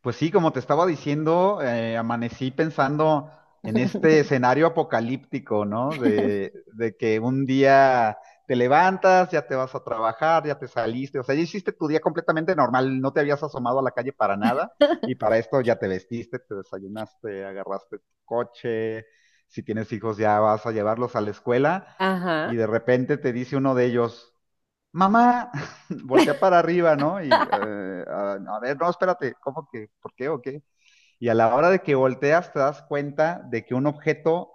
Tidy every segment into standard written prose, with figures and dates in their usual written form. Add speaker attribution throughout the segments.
Speaker 1: Pues sí, como te estaba diciendo, amanecí pensando en este escenario apocalíptico, ¿no? De que un día te levantas, ya te vas a trabajar, ya te saliste, o sea, ya hiciste tu día completamente normal, no te habías asomado a la calle para nada y para esto ya te vestiste, te desayunaste, agarraste tu coche, si tienes hijos ya vas a llevarlos a la escuela
Speaker 2: Ajá.
Speaker 1: y de repente te dice uno de ellos, mamá, voltea para arriba, ¿no? Y a ver, no, espérate, ¿cómo que? ¿Por qué o qué? Y a la hora de que volteas te das cuenta de que un objeto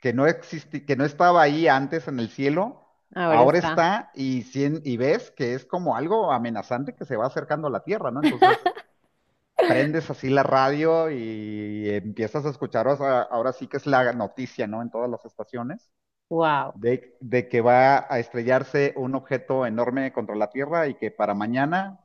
Speaker 1: que no existe, que no estaba ahí antes en el cielo,
Speaker 2: Ahora
Speaker 1: ahora
Speaker 2: está.
Speaker 1: está y, y ves que es como algo amenazante que se va acercando a la Tierra, ¿no? Entonces prendes así la radio y empiezas a escuchar, o sea, ahora sí que es la noticia, ¿no? En todas las estaciones
Speaker 2: Wow.
Speaker 1: de que va a estrellarse un objeto enorme contra la Tierra y que para mañana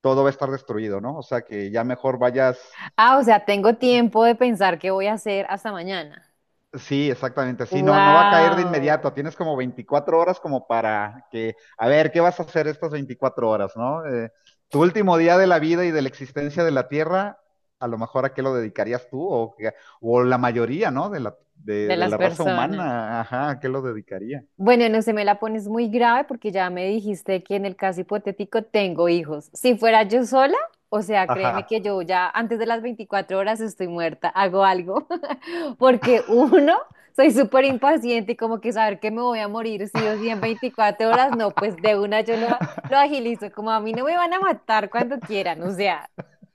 Speaker 1: todo va a estar destruido, ¿no? O sea, que ya mejor vayas.
Speaker 2: Ah, o sea, tengo tiempo de pensar qué voy a hacer hasta mañana.
Speaker 1: Sí, exactamente. Sí, no, no va a caer de
Speaker 2: Claro.
Speaker 1: inmediato.
Speaker 2: Wow.
Speaker 1: Tienes como 24 horas como para que, a ver, ¿qué vas a hacer estas 24 horas, no? Tu último día de la vida y de la existencia de la Tierra, a lo mejor a qué lo dedicarías tú o la mayoría, ¿no? De la, de,
Speaker 2: De
Speaker 1: de la
Speaker 2: las
Speaker 1: raza
Speaker 2: personas.
Speaker 1: humana, ajá, ¿a qué lo dedicaría?
Speaker 2: Bueno, no se me la pones muy grave porque ya me dijiste que en el caso hipotético tengo hijos. Si fuera yo sola, o sea, créeme
Speaker 1: Ajá,
Speaker 2: que yo ya antes de las 24 horas estoy muerta, hago algo. Porque uno, soy súper impaciente y como que saber que me voy a morir sí o sí en 24 horas, no, pues de una yo lo agilizo. Como a mí no me van a matar cuando quieran, o sea,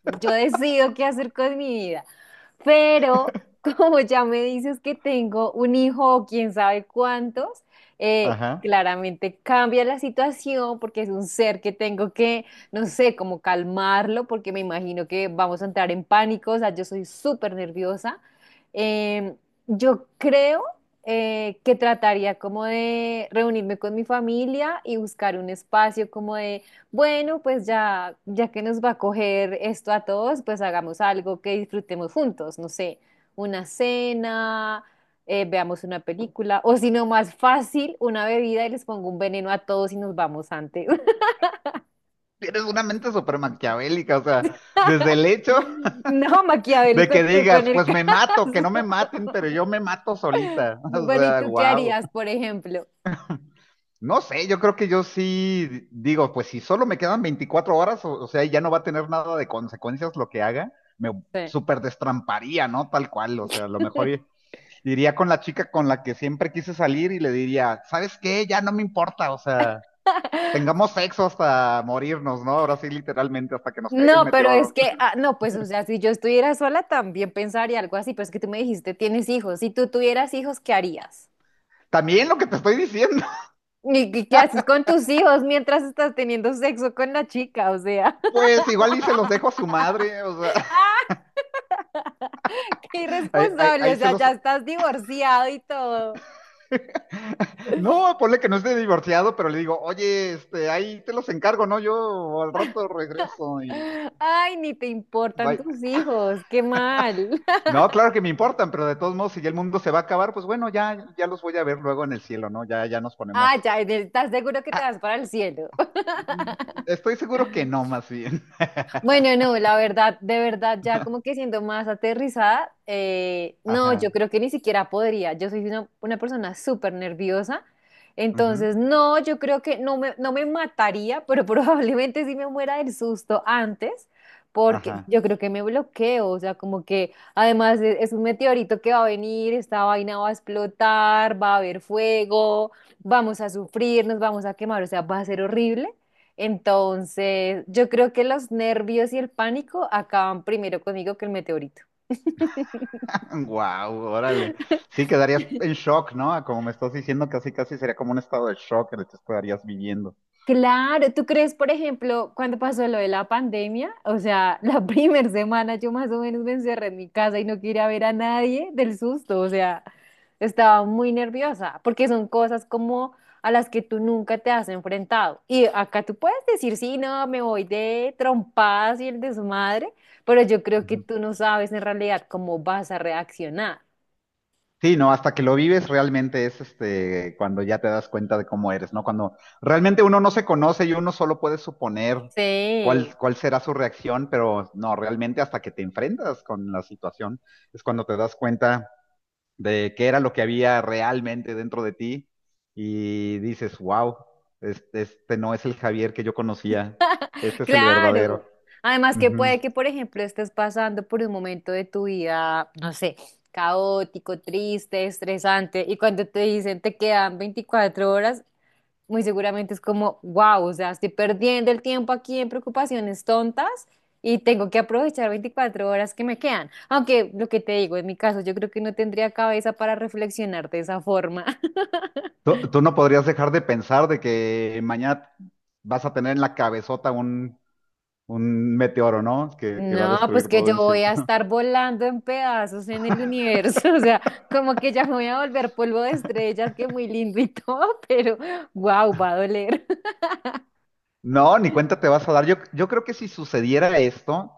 Speaker 2: yo decido qué hacer con mi vida. Pero como ya me dices que tengo un hijo o quién sabe cuántos,
Speaker 1: ajá.
Speaker 2: claramente cambia la situación porque es un ser que tengo que, no sé, como calmarlo porque me imagino que vamos a entrar en pánico, o sea, yo soy súper nerviosa. Em, yo creo que trataría como de reunirme con mi familia y buscar un espacio como de bueno, pues ya, ya que nos va a coger esto a todos, pues hagamos algo que disfrutemos juntos, no sé, una cena, veamos una película, o si no, más fácil, una bebida y les pongo un veneno a todos y nos vamos antes.
Speaker 1: Tienes una mente súper maquiavélica, o sea, desde el hecho
Speaker 2: No,
Speaker 1: de
Speaker 2: maquiavélico
Speaker 1: que
Speaker 2: tú con
Speaker 1: digas,
Speaker 2: el
Speaker 1: pues
Speaker 2: caso.
Speaker 1: me mato, que no me maten, pero yo me mato solita. O
Speaker 2: Bueno, ¿y
Speaker 1: sea,
Speaker 2: tú qué
Speaker 1: wow.
Speaker 2: harías, por ejemplo?
Speaker 1: No sé, yo creo que yo sí digo, pues si solo me quedan 24 horas, o sea, ya no va a tener nada de consecuencias lo que haga, me
Speaker 2: Sí.
Speaker 1: súper destramparía, ¿no? Tal cual, o sea, a lo mejor iría con la chica con la que siempre quise salir y le diría, ¿sabes qué? Ya no me importa, o sea, tengamos sexo hasta morirnos, ¿no? Ahora sí, literalmente, hasta que nos caiga el
Speaker 2: No, pero es
Speaker 1: meteoro.
Speaker 2: que, ah, no, pues, o sea, si yo estuviera sola también pensaría algo así, pero es que tú me dijiste, tienes hijos, si tú tuvieras hijos, ¿qué harías?
Speaker 1: También lo que te estoy diciendo,
Speaker 2: ¿Y qué haces con tus hijos mientras estás teniendo sexo con la chica? O sea,
Speaker 1: pues igual y se los dejo a su madre, o sea,
Speaker 2: qué
Speaker 1: ahí,
Speaker 2: irresponsable,
Speaker 1: ahí
Speaker 2: o
Speaker 1: se
Speaker 2: sea, ya
Speaker 1: los...
Speaker 2: estás divorciado y todo.
Speaker 1: No, ponle que no esté divorciado, pero le digo, oye, este, ahí te los encargo, ¿no? Yo al rato regreso y...
Speaker 2: Ay, ni te importan
Speaker 1: bye".
Speaker 2: tus hijos, qué mal.
Speaker 1: No, claro que me importan, pero de todos modos, si ya el mundo se va a acabar, pues bueno, ya, ya los voy a ver luego en el cielo, ¿no? Ya, ya nos
Speaker 2: Ah,
Speaker 1: ponemos...
Speaker 2: ya, ¿estás seguro que te vas
Speaker 1: Ah,
Speaker 2: para el cielo?
Speaker 1: estoy seguro que no, más bien.
Speaker 2: Bueno, no, la verdad, de verdad, ya como que siendo más aterrizada, no, yo
Speaker 1: Ajá.
Speaker 2: creo que ni siquiera podría. Yo soy una persona súper nerviosa,
Speaker 1: Ujú,
Speaker 2: entonces no, yo creo que no me mataría, pero probablemente sí me muera del susto antes,
Speaker 1: ajá.
Speaker 2: porque yo creo que me bloqueo, o sea, como que además es un meteorito que va a venir, esta vaina va a explotar, va a haber fuego, vamos a sufrir, nos vamos a quemar, o sea, va a ser horrible. Entonces, yo creo que los nervios y el pánico acaban primero conmigo que el meteorito.
Speaker 1: Wow, órale. Sí, quedarías en shock, ¿no? Como me estás diciendo, casi casi sería como un estado de shock en el que te estarías viviendo.
Speaker 2: Claro, ¿tú crees, por ejemplo, cuando pasó lo de la pandemia? O sea, la primera semana yo más o menos me encerré en mi casa y no quería ver a nadie del susto, o sea, estaba muy nerviosa, porque son cosas como a las que tú nunca te has enfrentado. Y acá tú puedes decir, sí, no, me voy de trompadas y el desmadre, pero yo creo que
Speaker 1: Ujú.
Speaker 2: tú no sabes en realidad cómo vas a reaccionar.
Speaker 1: Sí, no, hasta que lo vives realmente es este cuando ya te das cuenta de cómo eres, ¿no? Cuando realmente uno no se conoce y uno solo puede suponer
Speaker 2: Sí.
Speaker 1: cuál será su reacción, pero no, realmente hasta que te enfrentas con la situación es cuando te das cuenta de qué era lo que había realmente dentro de ti y dices, wow, este no es el Javier que yo conocía, este es el
Speaker 2: Claro.
Speaker 1: verdadero.
Speaker 2: Además que
Speaker 1: Ujú.
Speaker 2: puede que, por ejemplo, estés pasando por un momento de tu vida, no sé, caótico, triste, estresante, y cuando te dicen te quedan 24 horas, muy seguramente es como, wow, o sea, estoy perdiendo el tiempo aquí en preocupaciones tontas y tengo que aprovechar 24 horas que me quedan. Aunque lo que te digo, en mi caso, yo creo que no tendría cabeza para reflexionar de esa forma.
Speaker 1: Tú no podrías dejar de pensar de que mañana vas a tener en la cabezota un, meteoro, ¿no? Que va a
Speaker 2: No, pues
Speaker 1: destruir
Speaker 2: que
Speaker 1: todo
Speaker 2: yo voy
Speaker 1: encima.
Speaker 2: a estar volando en pedazos en el universo, o sea, como que ya me voy a volver polvo de estrellas, que muy lindo y todo, pero wow, va a doler.
Speaker 1: No, ni cuenta te vas a dar. Yo creo que si sucediera esto,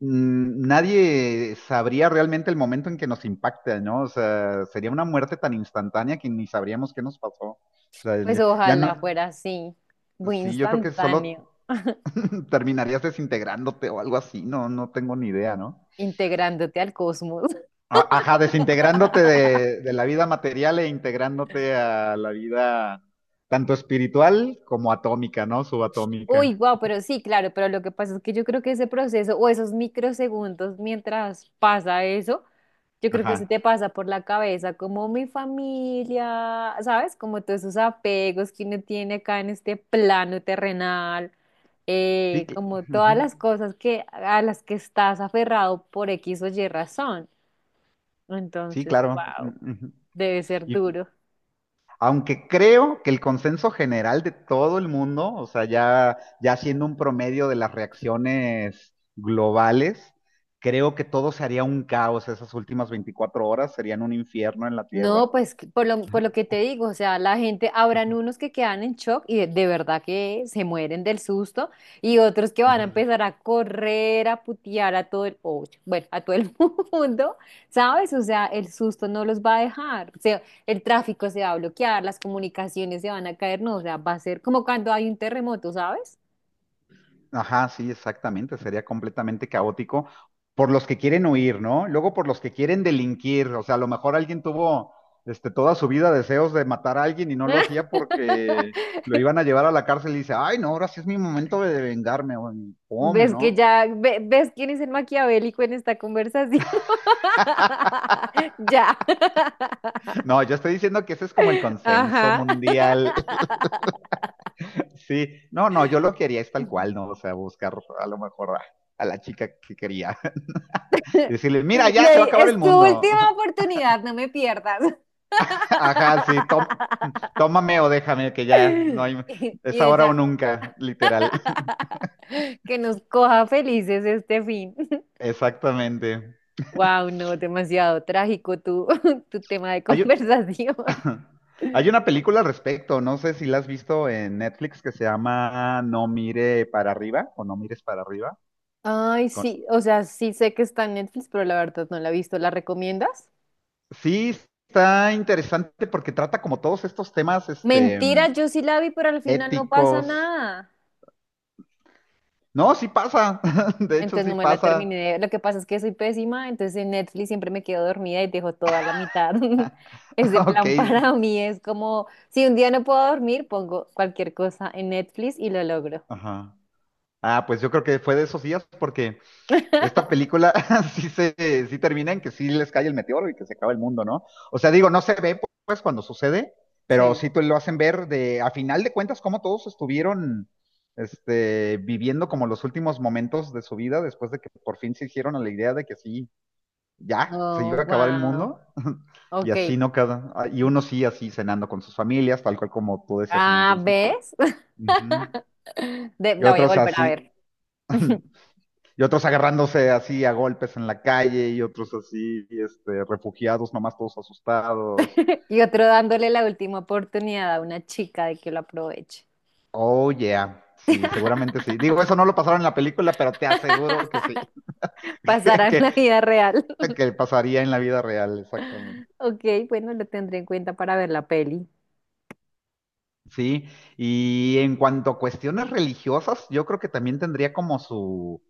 Speaker 1: nadie sabría realmente el momento en que nos impacta, ¿no? O sea, sería una muerte tan instantánea que ni sabríamos qué nos pasó. O sea,
Speaker 2: Pues
Speaker 1: ya ya no,
Speaker 2: ojalá fuera así, muy
Speaker 1: sí, yo creo que
Speaker 2: instantáneo,
Speaker 1: solo terminarías desintegrándote o algo así, no, no tengo ni idea, ¿no?
Speaker 2: integrándote al cosmos.
Speaker 1: Ajá, desintegrándote de la vida material e integrándote a la vida tanto espiritual como atómica, ¿no? Subatómica.
Speaker 2: Uy, wow, pero sí, claro, pero lo que pasa es que yo creo que ese proceso o esos microsegundos mientras pasa eso yo creo
Speaker 1: Ajá.
Speaker 2: que se te pasa por la cabeza como mi familia, ¿sabes? Como todos esos apegos que uno tiene acá en este plano terrenal,
Speaker 1: Sí que.
Speaker 2: como todas
Speaker 1: Ujú.
Speaker 2: las cosas que a las que estás aferrado por X o Y razón.
Speaker 1: Sí,
Speaker 2: Entonces,
Speaker 1: claro.
Speaker 2: wow,
Speaker 1: Mm, ujú.
Speaker 2: debe ser
Speaker 1: Y
Speaker 2: duro.
Speaker 1: aunque creo que el consenso general de todo el mundo, o sea, ya, ya siendo un promedio de las reacciones globales, creo que todo sería un caos esas últimas 24 horas, serían un infierno en la Tierra.
Speaker 2: No, pues por lo que te digo, o sea, la gente, habrán unos que quedan en shock y de verdad que se mueren del susto y otros que van a empezar a correr, a putear a todo el, oh, bueno, a todo el mundo, ¿sabes? O sea, el susto no los va a dejar, o sea, el tráfico se va a bloquear, las comunicaciones se van a caer, no, o sea, va a ser como cuando hay un terremoto, ¿sabes?
Speaker 1: Ajá, sí, exactamente, sería completamente caótico por los que quieren huir, ¿no? Luego por los que quieren delinquir, o sea, a lo mejor alguien tuvo este, toda su vida deseos de matar a alguien y no lo hacía porque lo iban a llevar a la cárcel y dice, ay, no, ahora sí es mi momento de vengarme, o en pum,
Speaker 2: ¿Ves que
Speaker 1: ¿no?
Speaker 2: ya, ves quién es el maquiavélico en esta conversación? Ya.
Speaker 1: No, yo estoy diciendo que ese es como el consenso
Speaker 2: Ajá.
Speaker 1: mundial, sí, no, no, yo lo quería es tal cual, ¿no? O sea, buscar a lo mejor a, la chica que quería y decirle, mira, ya
Speaker 2: Le
Speaker 1: se va
Speaker 2: di,
Speaker 1: a acabar el
Speaker 2: es tu
Speaker 1: mundo.
Speaker 2: última oportunidad, no me pierdas.
Speaker 1: Ajá, sí, tómame o déjame, que ya no hay, es
Speaker 2: Y
Speaker 1: ahora o
Speaker 2: ella,
Speaker 1: nunca, literal.
Speaker 2: que nos coja felices este fin.
Speaker 1: Exactamente.
Speaker 2: Wow, no, demasiado trágico tu, tu tema de
Speaker 1: Hay,
Speaker 2: conversación.
Speaker 1: hay una película al respecto, no sé si la has visto en Netflix que se llama No mire para arriba o No mires para arriba.
Speaker 2: Ay,
Speaker 1: Con-
Speaker 2: sí, o sea, sí sé que está en Netflix, pero la verdad no la he visto. ¿La recomiendas?
Speaker 1: Sí, está interesante porque trata como todos estos temas, este,
Speaker 2: Mentira, yo sí la vi, pero al final no pasa
Speaker 1: éticos.
Speaker 2: nada.
Speaker 1: No, sí pasa, de hecho
Speaker 2: Entonces
Speaker 1: sí
Speaker 2: no me la terminé.
Speaker 1: pasa.
Speaker 2: Lo que pasa es que soy pésima, entonces en Netflix siempre me quedo dormida y dejo toda la mitad. Ese
Speaker 1: Ok.
Speaker 2: plan para mí es como, si un día no puedo dormir, pongo cualquier cosa en Netflix y lo logro.
Speaker 1: Ajá. Ah, pues yo creo que fue de esos días porque esta película sí, sí termina en que sí les cae el meteoro y que se acaba el mundo, ¿no? O sea, digo, no se ve pues cuando sucede, pero
Speaker 2: Sí.
Speaker 1: sí te lo hacen ver de, a final de cuentas, cómo todos estuvieron este, viviendo como los últimos momentos de su vida después de que por fin se hicieron a la idea de que sí, ya, se
Speaker 2: Oh,
Speaker 1: iba a acabar el
Speaker 2: wow.
Speaker 1: mundo. Y así
Speaker 2: Ok.
Speaker 1: no cada, ah, y uno sí así cenando con sus familias, tal cual como tú decías en un
Speaker 2: Ah,
Speaker 1: principio.
Speaker 2: ¿ves?
Speaker 1: Ujú. Y
Speaker 2: La voy a
Speaker 1: otros
Speaker 2: volver a
Speaker 1: así.
Speaker 2: ver.
Speaker 1: Y otros agarrándose así a golpes en la calle y otros así, este, refugiados, nomás todos asustados.
Speaker 2: Y otro dándole la última oportunidad a una chica de que lo aproveche.
Speaker 1: Oh, yeah. Sí, seguramente sí. Digo, eso no lo pasaron en la película, pero te aseguro que sí,
Speaker 2: Pasará
Speaker 1: que,
Speaker 2: en la vida real.
Speaker 1: que pasaría en la vida real, exactamente.
Speaker 2: Ok, bueno, lo tendré en cuenta para ver la peli.
Speaker 1: Sí, y en cuanto a cuestiones religiosas, yo creo que también tendría como su,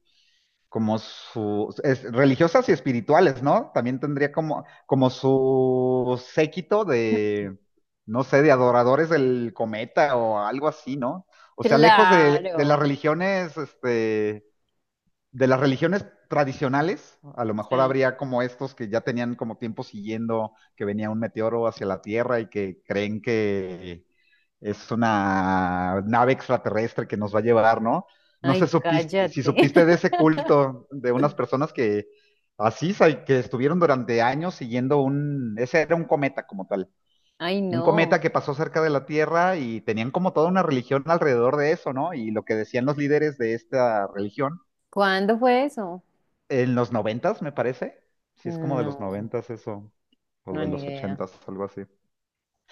Speaker 1: como sus religiosas y espirituales, ¿no? También tendría como, como su séquito de, no sé, de adoradores del cometa o algo así, ¿no? O sea, lejos de las
Speaker 2: Claro.
Speaker 1: religiones, este, de las religiones tradicionales, a lo mejor
Speaker 2: Sí.
Speaker 1: habría como estos que ya tenían como tiempo siguiendo que venía un meteoro hacia la Tierra y que creen que es una nave extraterrestre que nos va a llevar, ¿no?
Speaker 2: Ay, cállate.
Speaker 1: Si supiste de ese culto de unas personas que así, que estuvieron durante años siguiendo un, ese era un cometa como tal,
Speaker 2: Ay,
Speaker 1: un cometa
Speaker 2: no.
Speaker 1: que pasó cerca de la Tierra y tenían como toda una religión alrededor de eso, ¿no? Y lo que decían los líderes de esta religión
Speaker 2: ¿Cuándo fue eso?
Speaker 1: en los noventas, me parece. Sí, es como de los
Speaker 2: No,
Speaker 1: noventas eso, o
Speaker 2: no,
Speaker 1: de
Speaker 2: ni
Speaker 1: los
Speaker 2: idea.
Speaker 1: ochentas, algo así.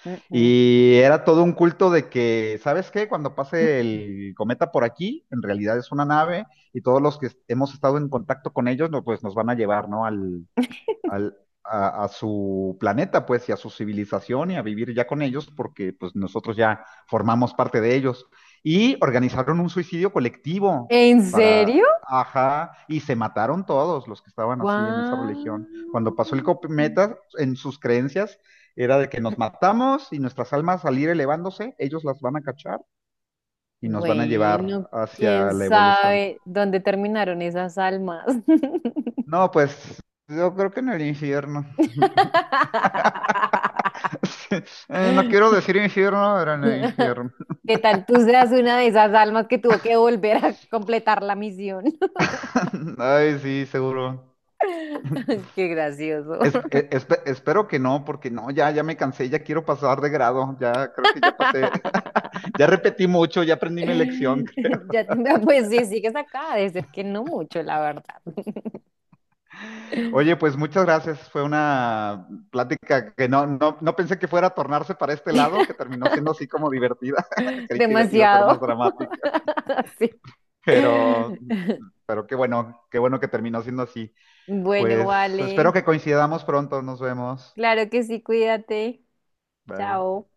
Speaker 2: Mm, mm.
Speaker 1: Y era todo un culto de que, ¿sabes qué? Cuando pase el cometa por aquí, en realidad es una nave y todos los que hemos estado en contacto con ellos, no, pues nos van a llevar, ¿no? Al- a su planeta, pues, y a su civilización y a vivir ya con ellos, porque pues nosotros ya formamos parte de ellos. Y organizaron un suicidio colectivo
Speaker 2: ¿En
Speaker 1: para,
Speaker 2: serio?
Speaker 1: ajá, y se mataron todos los que estaban así en esa religión. Cuando
Speaker 2: Wow.
Speaker 1: pasó el cometa, en sus creencias era de que nos matamos y nuestras almas al ir elevándose, ellos las van a cachar y nos van a llevar
Speaker 2: Bueno, quién
Speaker 1: hacia la evolución.
Speaker 2: sabe dónde terminaron esas almas.
Speaker 1: No, pues yo creo que en el infierno. No quiero decir infierno, era en el infierno.
Speaker 2: ¿Qué tal tú seas una de esas almas que tuvo que volver a completar la misión?
Speaker 1: Ay, sí, seguro.
Speaker 2: Qué gracioso.
Speaker 1: Espero que no, porque no, ya, ya me cansé, ya quiero pasar de grado, ya creo que ya pasé, ya repetí mucho, ya aprendí mi lección.
Speaker 2: Ya, pues sí, sigues acá, de ser que no mucho, la verdad.
Speaker 1: Oye, pues muchas gracias, fue una plática que no pensé que fuera a tornarse para este lado, que terminó siendo así como divertida, creí que iba a ser más
Speaker 2: Demasiado.
Speaker 1: dramática,
Speaker 2: Sí.
Speaker 1: pero, pero qué bueno que terminó siendo así.
Speaker 2: Bueno,
Speaker 1: Pues espero
Speaker 2: vale.
Speaker 1: que coincidamos pronto, nos vemos.
Speaker 2: Claro que sí, cuídate.
Speaker 1: Bye.
Speaker 2: Chao.